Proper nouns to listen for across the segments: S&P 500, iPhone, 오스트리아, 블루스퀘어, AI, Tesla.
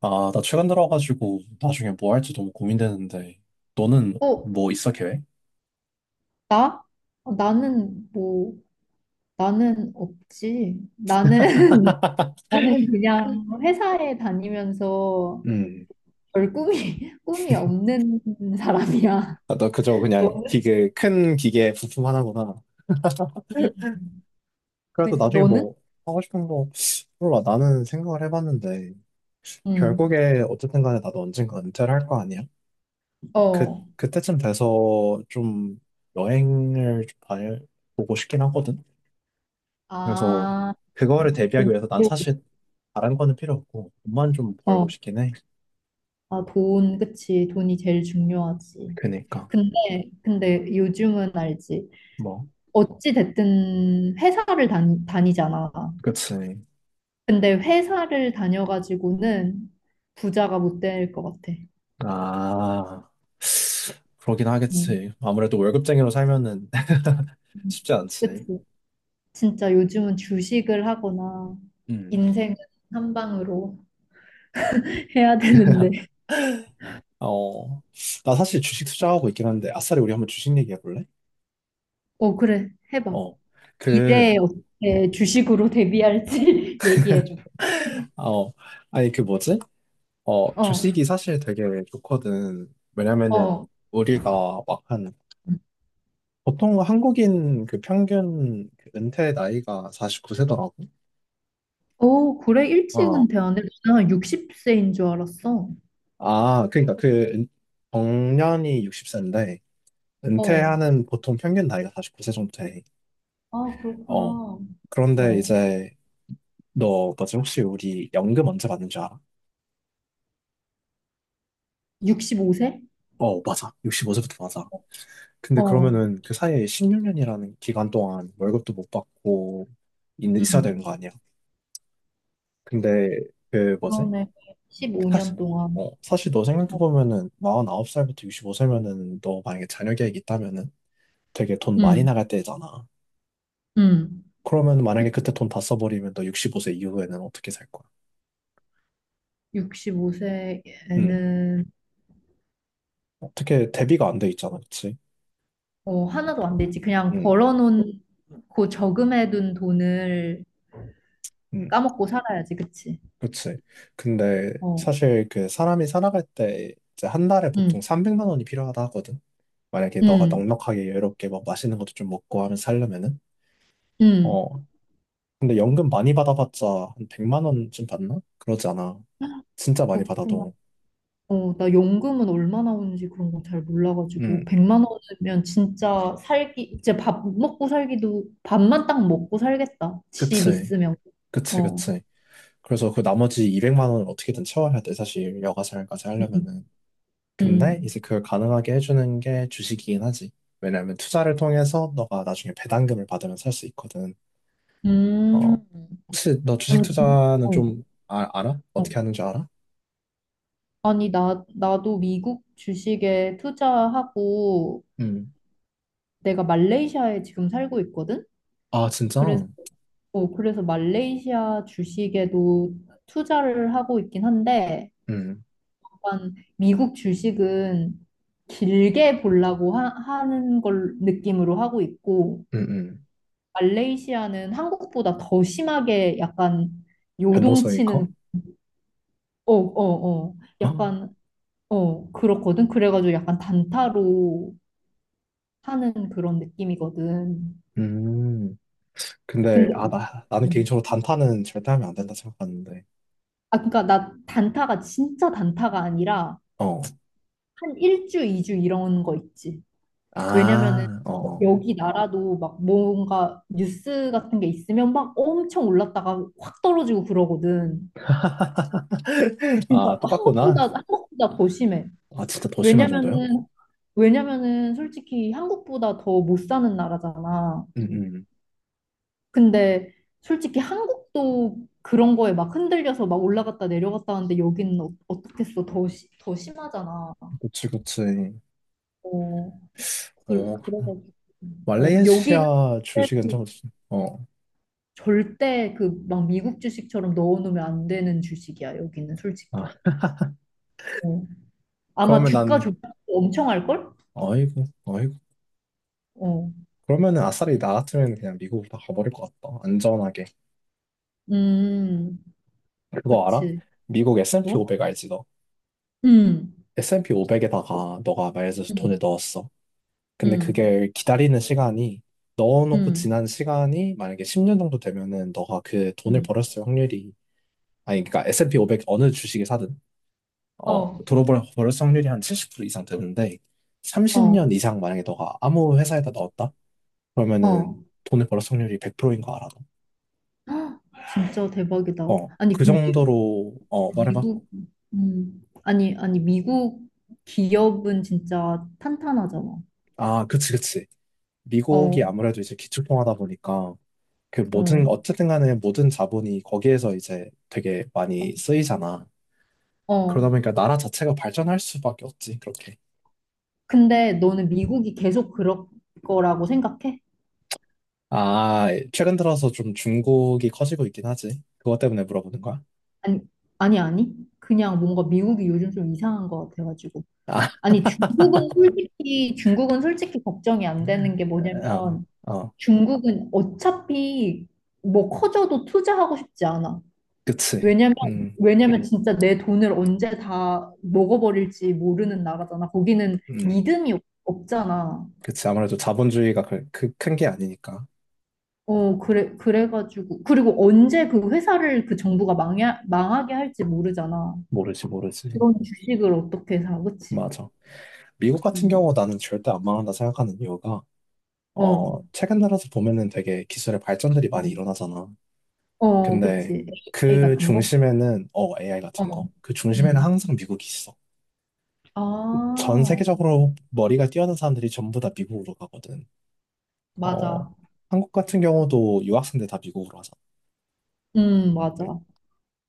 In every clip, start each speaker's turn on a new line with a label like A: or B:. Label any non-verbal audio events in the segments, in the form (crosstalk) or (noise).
A: 아, 나 최근 들어가지고 나중에 뭐 할지 너무 고민되는데, 너는
B: 어,
A: 뭐 있어, 계획?
B: 나? 어, 나는 뭐, 나는 없지. 나는, (laughs) 나는 그냥 회사에 다니면서
A: 음.
B: 별 꿈이, (laughs) 꿈이 없는 사람이야.
A: 아, 너 그저 그냥
B: 너는?
A: 기계, 큰 기계 부품 하나구나. (laughs)
B: 음.
A: 그래도
B: 그,
A: 나중에
B: 너는?
A: 뭐 하고 싶은 거, 몰라. 나는 생각을 해봤는데,
B: 응.
A: 결국에 어쨌든 간에 나도 언젠가 은퇴를 할 거 아니야? 그,
B: 어.
A: 그때쯤 돼서 좀 여행을 좀 다녀보고 싶긴 하거든? 그래서
B: 아,
A: 그거를 대비하기
B: 그,
A: 위해서 난 사실 다른 거는 필요 없고, 돈만 좀 벌고
B: 어.
A: 싶긴 해.
B: 아, 돈, 그치. 돈이 제일 중요하지.
A: 그니까.
B: 근데 요즘은 알지.
A: 뭐.
B: 어찌 됐든 회사를 다니잖아.
A: 그치.
B: 근데 회사를 다녀가지고는 부자가 못 될 것 같아.
A: 아, 그러긴
B: 음.
A: 하겠지. 아무래도 월급쟁이로 살면은 (laughs) 쉽지 않지.
B: 그치? 진짜 요즘은 주식을 하거나
A: 음.
B: 인생은 한 방으로 (laughs) 해야 되는데.
A: (laughs) 어, 나 사실 주식 투자하고 있긴 한데, 아싸리 우리 한번 주식 얘기해 볼래?
B: 어, 그래. 해봐.
A: 어, 그,
B: 미래에 어떻게 주식으로 대비할지 (laughs) 얘기해줘.
A: 어, 아니, 그 뭐지? 어,
B: 어,
A: 주식이 사실 되게 좋거든. 왜냐면은,
B: 어.
A: 우리가 막 한, 보통 한국인 그 평균 그 은퇴 나이가 49세더라고.
B: 오, 그래. 일찍
A: 어,
B: 은퇴하네. 나는 60세인 줄 알았어.
A: 아, 그러니까 그, 은- 정년이 60세인데,
B: 어.
A: 은퇴하는 보통 평균 나이가 49세 정도 돼.
B: 아, 그렇구나.
A: 어. 그런데
B: 어.
A: 이제 너 뭐지 혹시 우리 연금 언제 받는 줄 알아?
B: 65세?
A: 어, 맞아. 65세부터 맞아. 근데
B: 어.
A: 그러면은 그 사이에 16년이라는 기간 동안 월급도 못 받고 있어야 되는 거
B: 음.
A: 아니야? 근데 그 뭐지?
B: 그러네.
A: 사실
B: 15년 동안.
A: 어, 사실 너
B: 어,
A: 생각해보면은 49살부터 65세면은 너 만약에 자녀 계획 있다면은 되게 돈 많이
B: 음,
A: 나갈 때잖아.
B: 음.
A: 그러면
B: 그
A: 만약에 그때 돈 다 써버리면 너 65세 이후에는 어떻게 살 거야? 응.
B: 65세에는
A: 어떻게 대비가 안 돼 있잖아, 그치?
B: 어, 하나도 안 되지. 그냥 벌어
A: 응.
B: 놓고 저금해둔 돈을
A: 응.
B: 까먹고 살아야지, 그치?
A: 그치. 근데
B: 어,
A: 사실 그 사람이 살아갈 때 이제 한 달에 보통
B: 음,
A: 300만 원이 필요하다 하거든. 만약에 너가
B: 음,
A: 넉넉하게 여유롭게 막 맛있는 것도 좀 먹고 하면 살려면은.
B: 음.
A: 어. 근데 연금 많이 받아봤자 한 100만 원쯤 받나? 그러지 않아. 진짜 많이
B: 그렇구나.
A: 받아도.
B: 어, 나 연금은 얼마나 오는지 그런 거 잘 몰라가지고
A: 응.
B: 100만 원이면 진짜 살기, 진짜 밥 먹고 살기도 밥만 딱 먹고 살겠다. 집
A: 그치.
B: 있으면.
A: 그치,
B: 어.
A: 그치. 그래서 그 나머지 200만 원을 어떻게든 채워야 돼, 사실. 여가 생활까지
B: 음.
A: 하려면은. 근데 이제
B: 음.
A: 그걸 가능하게 해주는 게 주식이긴 하지. 왜냐하면 투자를 통해서 너가 나중에 배당금을 받으면 살 수 있거든.
B: 음.
A: 어, 혹시 너 주식
B: 아니, 그,
A: 투자는
B: 어.
A: 좀 알아?
B: 어.
A: 어떻게 하는 줄 알아?
B: 아니, 나도 미국 주식에 투자하고
A: 음.
B: 내가 말레이시아에 지금 살고 있거든?
A: 아,
B: 그래서,
A: 진짜?
B: 어, 그래서 말레이시아 주식에도 투자를 하고 있긴 한데,
A: 음,
B: 약간 미국 주식은 길게 보려고 하는 걸 느낌으로 하고 있고,
A: 음, 음.
B: 말레이시아는 한국보다 더 심하게 약간
A: 변동성이 커?
B: 요동치는, 어, 어, 어,
A: 어?
B: 약간, 어, 그렇거든? 그래가지고 약간 단타로 하는 그런 느낌이거든.
A: 음.
B: 근데
A: 아, 나는
B: 음.
A: 개인적으로 단타는 절대 하면 안 된다 생각하는데.
B: 아 그러니까 나 단타가 진짜 단타가 아니라
A: 어.
B: 한 1주, 2주 이런 거 있지. 왜냐면은
A: 아, 어. 어.
B: 여기 나라도 막 뭔가 뉴스 같은 게 있으면 막 엄청 올랐다가 확 떨어지고 그러거든.
A: 아,
B: 그러니까
A: 똑같구나.
B: 한국보다 더 심해.
A: 아, 진짜 더 심한 정도야?
B: 왜냐면은 왜냐면은 솔직히 한국보다 더 못 사는 나라잖아.
A: 음, 음.
B: 근데 솔직히 한국도 그런 거에 막 흔들려서 막 올라갔다 내려갔다 하는데 여기는 어, 어떻겠어? 더, 시, 더 심하잖아.
A: 그치, 그치.
B: 어, 그,
A: 어,
B: 그래가지고. 어, 여기는
A: 말레이시아 주식은 좀, 어,
B: 절대 그 막 미국 주식처럼 넣어놓으면 안 되는 주식이야, 여기는
A: 아,
B: 솔직히. 어. 아마
A: 그러면
B: 주가
A: 난,
B: 조작 엄청 할걸?
A: 어이구, 어이구.
B: 어.
A: 그러면은 아싸리 나 같으면 그냥 미국으로 다 가버릴 것 같다. 안전하게.
B: 음,
A: 그거 알아?
B: 그치.
A: 미국 S&P
B: 어?
A: 500 알지, 너?
B: 음,
A: S&P 500에다가 너가 말해줘서
B: 음,
A: 돈을 넣었어. 근데
B: 음,
A: 그게 기다리는 시간이, 넣어놓고
B: 음,
A: 지난 시간이 만약에 10년 정도 되면은 너가 그 돈을
B: 음.
A: 벌었을 확률이, 아니, 그러니까 S&P 500 어느 주식을 사든, 어,
B: 어,
A: 들어볼 벌었을 확률이 한 70% 이상 되는데,
B: 어,
A: 30년 이상 만약에 너가 아무 회사에다 넣었다?
B: 어.
A: 그러면은 돈을 벌어 확률이 100%인 거 알아?
B: 헉, 진짜 대박이다.
A: 너? 어,
B: 아니,
A: 그
B: 근데
A: 정도로, 어, 말해봐.
B: 미국, 아니, 아니, 미국 기업은 진짜 탄탄하잖아.
A: 아, 그치, 그치. 미국이
B: 어,
A: 아무래도 이제 기축통화다 보니까 그 모든,
B: 어,
A: 어쨌든 간에 모든 자본이 거기에서 이제 되게
B: 어.
A: 많이 쓰이잖아. 그러다
B: 어.
A: 보니까 나라 자체가 발전할 수밖에 없지, 그렇게.
B: 근데 너는 미국이 계속 그럴 거라고 생각해?
A: 아, 최근 들어서 좀 중국이 커지고 있긴 하지. 그것 때문에 물어보는 거야?
B: 아니, 아니, 아니. 그냥 뭔가 미국이 요즘 좀 이상한 것 같아가지고.
A: 아,
B: 아니, 중국은 솔직히 걱정이 안 되는 게
A: 어,
B: 뭐냐면,
A: 어,
B: 중국은 어차피 뭐 커져도 투자하고 싶지 않아.
A: 그치.
B: 왜냐면,
A: 음,
B: 왜냐면 진짜 내 돈을 언제 다 먹어버릴지 모르는 나라잖아. 거기는
A: 음,
B: 믿음이 없잖아.
A: 그치. 아무래도 자본주의가 그 큰 게 아니니까.
B: 어, 그래, 그래가지고. 그리고 언제 그 회사를 그 정부가 망하게 할지 모르잖아.
A: 모르지, 모르지.
B: 그런 주식을 어떻게 사, 그치?
A: 맞아. 미국 같은
B: 음.
A: 경우 나는 절대 안 망한다 생각하는 이유가,
B: 어,
A: 어, 최근 들어서 보면은 되게 기술의 발전들이 많이
B: 어,
A: 일어나잖아.
B: 어,
A: 근데
B: 그치. AI
A: 그
B: 같은 거?
A: 중심에는, 어, AI
B: 어,
A: 같은 거. 그 중심에는
B: 음.
A: 항상 미국이 있어. 전
B: 아,
A: 세계적으로 머리가 뛰어난 사람들이 전부 다 미국으로 가거든. 어,
B: 맞아.
A: 한국 같은 경우도 유학생들 다 미국으로 하잖아. 응.
B: 맞아.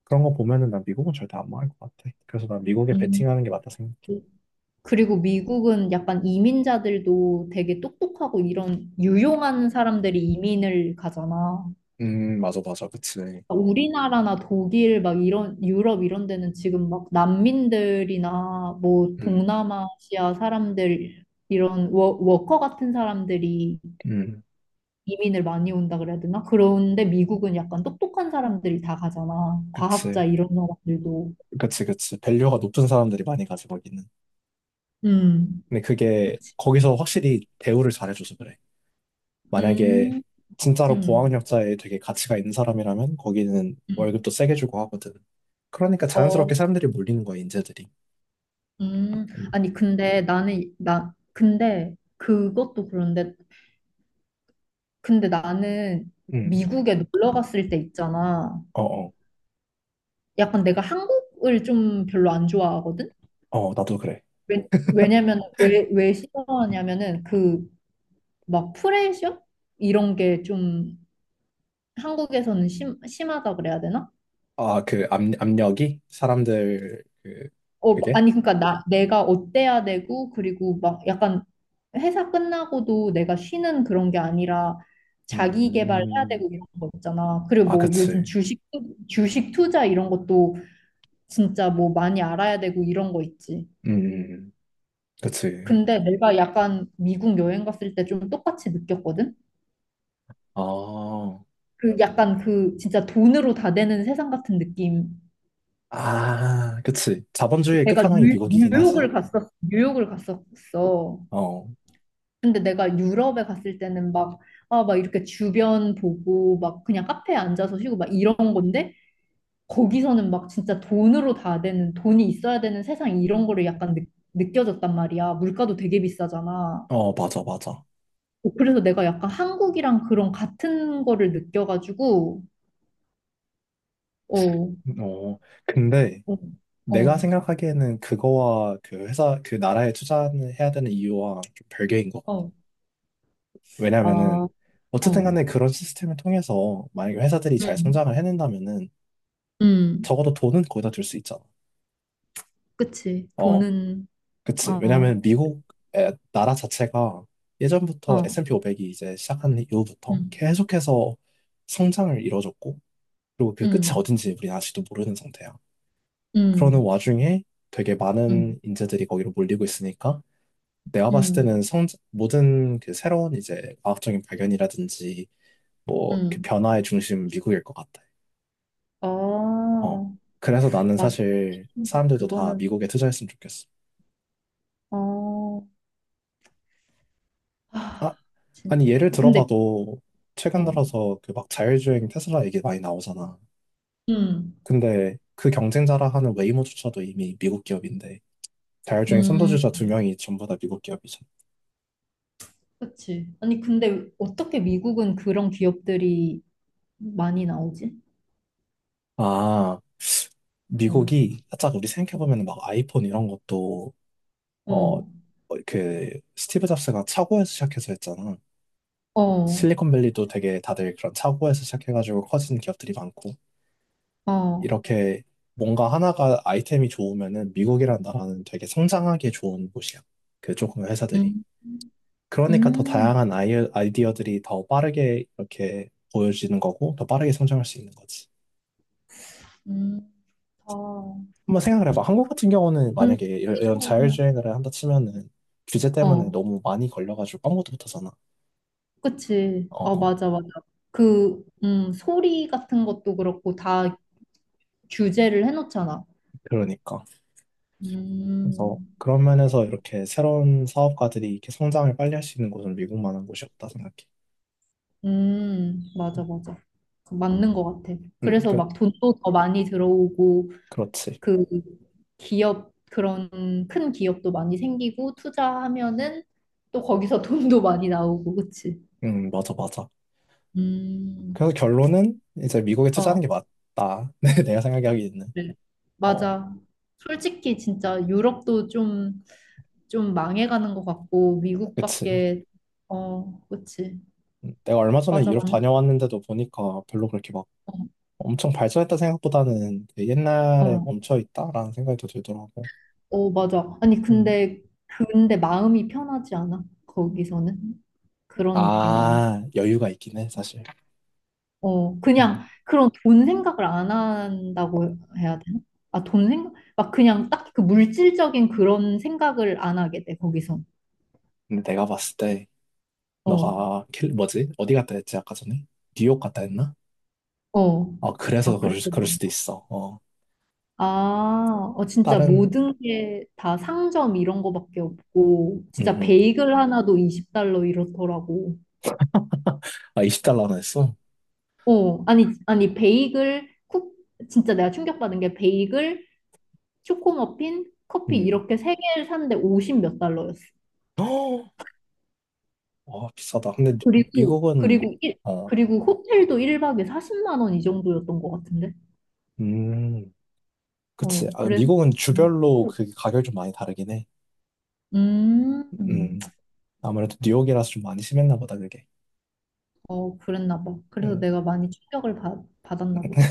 A: 그런 거 보면은 난 미국은 절대 안 망할 것 같아. 그래서 난 미국에
B: 음.
A: 베팅하는 게 맞다 생각해.
B: 그리고 미국은 약간 이민자들도 되게 똑똑하고 이런 유용한 사람들이 이민을 가잖아.
A: 맞아, 맞아. 그치.
B: 우리나라나 독일 막 이런 유럽 이런 데는 지금 막 난민들이나 뭐
A: 음,
B: 동남아시아 사람들 이런 워커 같은 사람들이
A: 음,
B: 이민을 많이 온다 그래야 되나? 그런데 미국은 약간 똑똑한 사람들이 다 가잖아. 과학자
A: 그치.
B: 이런 사람들도.
A: 그치, 그치. 밸류가 높은 사람들이 많이 가지, 거기는.
B: 음.
A: 근데 그게,
B: 그치.
A: 거기서 확실히 대우를 잘해줘서 그래. 만약에,
B: 음.
A: 진짜로
B: 음.
A: 고학력자에 되게 가치가 있는 사람이라면, 거기는
B: 음.
A: 월급도 세게 주고 하거든. 그러니까 자연스럽게
B: 어,
A: 사람들이 몰리는 거야, 인재들이.
B: 음,
A: 음,
B: 아니, 근데 나는, 나, 근데 그것도 그런데, 근데 나는
A: 음.
B: 미국에 놀러 갔을 때 있잖아.
A: 어, 어,
B: 약간 내가 한국을 좀 별로 안 좋아하거든?
A: 어, 나도 그래.
B: 왜 싫어하냐면은 그 막 프레셔? 이런 게 좀 한국에서는 심하다 그래야 되나?
A: 아, 그 압력이? 사람들, 그,
B: 어,
A: 그게?
B: 아니, 그러니까 나, 내가 어때야 되고, 그리고 막 약간 회사 끝나고도 내가 쉬는 그런 게 아니라 자기 개발해야
A: 음,
B: 되고 이런 거 있잖아. 그리고
A: 아,
B: 뭐
A: 그치.
B: 요즘 주식, 주식 투자 이런 것도 진짜 뭐 많이 알아야 되고 이런 거 있지.
A: 음, 음. 그치.
B: 근데 내가 약간 미국 여행 갔을 때 좀 똑같이 느꼈거든?
A: 아,
B: 그 약간 그 진짜 돈으로 다 되는 세상 같은 느낌.
A: 아, 그치. 자본주의의
B: 내가
A: 끝판왕이
B: 뉴,
A: 미국이긴 하지.
B: 뉴욕을 갔었, 뉴욕을 갔었어.
A: 어,
B: 근데 내가 유럽에 갔을 때는 막, 아, 막 이렇게 주변 보고, 막 그냥 카페에 앉아서 쉬고, 막 이런 건데, 거기서는 막 진짜 돈으로 다 되는, 돈이 있어야 되는 세상 이런 거를 약간 느껴졌단 말이야. 물가도 되게 비싸잖아.
A: 어, 맞아, 맞아.
B: 어, 그래서 내가 약간 한국이랑 그런 같은 거를 느껴가지고, 어, 어,
A: 어, 근데
B: 어,
A: 내가 생각하기에는 그거와 그 회사, 그 나라에 투자해야 되는 이유와 좀 별개인 것 같아.
B: 어, 아,
A: 왜냐면은,
B: 어,
A: 어쨌든 간에 그런 시스템을 통해서 만약에 회사들이 잘
B: 음,
A: 성장을 해낸다면은
B: 음,
A: 적어도 돈은 거기다 둘 수 있잖아.
B: 그치.
A: 어,
B: 돈은,
A: 그치.
B: 어,
A: 왜냐면 미국 나라 자체가 예전부터
B: 어,
A: S&P 500이 이제 시작한 이후부터
B: 음,
A: 계속해서 성장을 이뤄줬고, 그리고 그 끝이
B: 음,
A: 어딘지 우리는 아직도 모르는 상태야. 그러는
B: 음,
A: 와중에 되게
B: 음,
A: 많은 인재들이 거기로 몰리고 있으니까 내가 봤을 때는
B: 음.
A: 성 모든 그 새로운 이제 과학적인 발견이라든지 뭐 그
B: 응.
A: 변화의 중심은 미국일 것 같아.
B: 아,
A: 어. 그래서 나는
B: 맞아.
A: 사실 사람들도 다
B: 그거는,
A: 미국에 투자했으면 좋겠어.
B: 어, 아,
A: 아,
B: 진
A: 아니 예를
B: 근데,
A: 들어봐도 최근
B: 어,
A: 들어서 그 막 자율주행 테슬라 얘기 많이 나오잖아.
B: 응,
A: 근데 그 경쟁자라 하는 웨이모조차도 이미 미국 기업인데 자율주행
B: 음,
A: 선도주자 두 명이 전부 다 미국 기업이잖아.
B: 그치. 아니, 근데 어떻게 미국은 그런 기업들이 많이 나오지?
A: 아.
B: 어,
A: 미국이 살짝 우리 생각해보면 막 아이폰 이런 것도 어, 어,
B: 어,
A: 그 스티브 잡스가 차고에서 시작해서 했잖아.
B: 어,
A: 실리콘밸리도 되게 다들 그런 차고에서 시작해가지고 커진 기업들이 많고
B: 어.
A: 이렇게 뭔가 하나가 아이템이 좋으면은 미국이란 나라는 되게 성장하기 좋은 곳이야. 그 조금의 회사들이.
B: 음,
A: 그러니까 더
B: 음,
A: 다양한 아이디어들이 더 빠르게 이렇게 보여지는 거고 더 빠르게 성장할 수 있는 거지.
B: 음, 아,
A: 한번 생각을 해봐. 한국 같은 경우는
B: 그런
A: 만약에 이런 자율주행을 한다 치면은 규제 때문에
B: 어,
A: 너무 많이 걸려가지고 아무터도어잖아.
B: 그치.
A: 어,
B: 어,
A: 어.
B: 맞아, 맞아. 그, 소리 같은 것도 그렇고 다 규제를 해놓잖아.
A: 그러니까. 그래서
B: 음,
A: 그런 면에서 이렇게 새로운 사업가들이 이렇게 성장을 빨리 할 수 있는 곳은 미국만한 곳이 없다 생각해.
B: 맞아,
A: 음,
B: 맞아. 그 맞는 것 같아.
A: 음,
B: 그래서
A: 그,
B: 막 돈도 더 많이 들어오고,
A: 그렇지.
B: 그 기업, 그런 큰 기업도 많이 생기고, 투자하면은 또 거기서 (laughs) 돈도 많이 나오고, 그치?
A: 맞아, 맞아.
B: 음,
A: 그래서 결론은 이제 미국에 투자하는 게
B: 어,
A: 맞다. (laughs) 내가 생각하기에는.
B: 그래.
A: 어,
B: 맞아. 솔직히 진짜 유럽도 좀, 좀 망해가는 것 같고,
A: 그치.
B: 미국밖에, 어, 그치.
A: 내가 얼마 전에
B: 맞아,
A: 유럽
B: 맞네.
A: 다녀왔는데도 보니까 별로 그렇게 막
B: 어,
A: 엄청 발전했다 생각보다는 되게 옛날에
B: 어.
A: 멈춰 있다라는 생각이 더 들더라고.
B: 어, 맞아. 아니,
A: 음,
B: 근데 마음이 편하지 않아? 거기서는? 그런 느낌은 안.
A: 아, 여유가 있긴 해, 사실.
B: 어, 그냥
A: 어,
B: 그런 돈 생각을 안 한다고 해야 되나? 아, 돈 생각? 막 그냥 딱 그 물질적인 그런 생각을 안 하게 돼, 거기서.
A: 근데 내가 봤을 때,
B: 어,
A: 너가, 뭐지? 어디 갔다 했지, 아까 전에? 뉴욕 갔다 했나?
B: 어.
A: 어, 그래서
B: 아, 그래서.
A: 그럴 수도
B: 그런가?
A: 있어. 어,
B: 아, 어, 진짜
A: 다른,
B: 모든 게 다 상점 이런 거밖에 없고,
A: 음,
B: 진짜
A: 음.
B: 베이글 하나도 20달러 이렇더라고.
A: 아, 20달러나 했어?
B: 어, 아니, 아니, 베이글, 쿠, 진짜 내가 충격받은 게 베이글, 초코 머핀, 커피
A: 음.
B: 이렇게 세 개를 샀는데 50 몇 달러였어.
A: (gasps) 헉! 어, 비싸다. 근데 미-
B: 그리고,
A: 미국은,
B: 그리고, 일,
A: 어,
B: 그리고 호텔도 1박에 40만 원 이 정도였던 것 같은데.
A: 음, 그치.
B: 어,
A: 아,
B: 그래서.
A: 미국은 주별로 그 가격이 좀 많이 다르긴 해.
B: 음,
A: 음. 아무래도 뉴욕이라서 좀 많이 심했나 보다, 그게.
B: 어, 그랬나 봐. 그래서
A: 음.
B: 내가 많이 충격을 받았나 보다.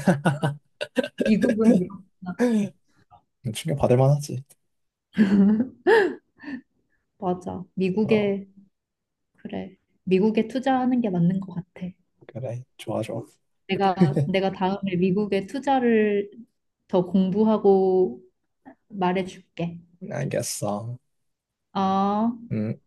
B: 미국은 이렇구나.
A: (laughs) 충격 받을 만하지.
B: (laughs) 맞아.
A: 어,
B: 미국에, 그래. 미국에 투자하는 게 맞는 것 같아.
A: 그래, 좋아, 좋아.
B: 내가
A: (laughs)
B: 내가 다음에 미국에 투자를 더 공부하고 말해줄게.
A: 알겠어.
B: 어.
A: 음.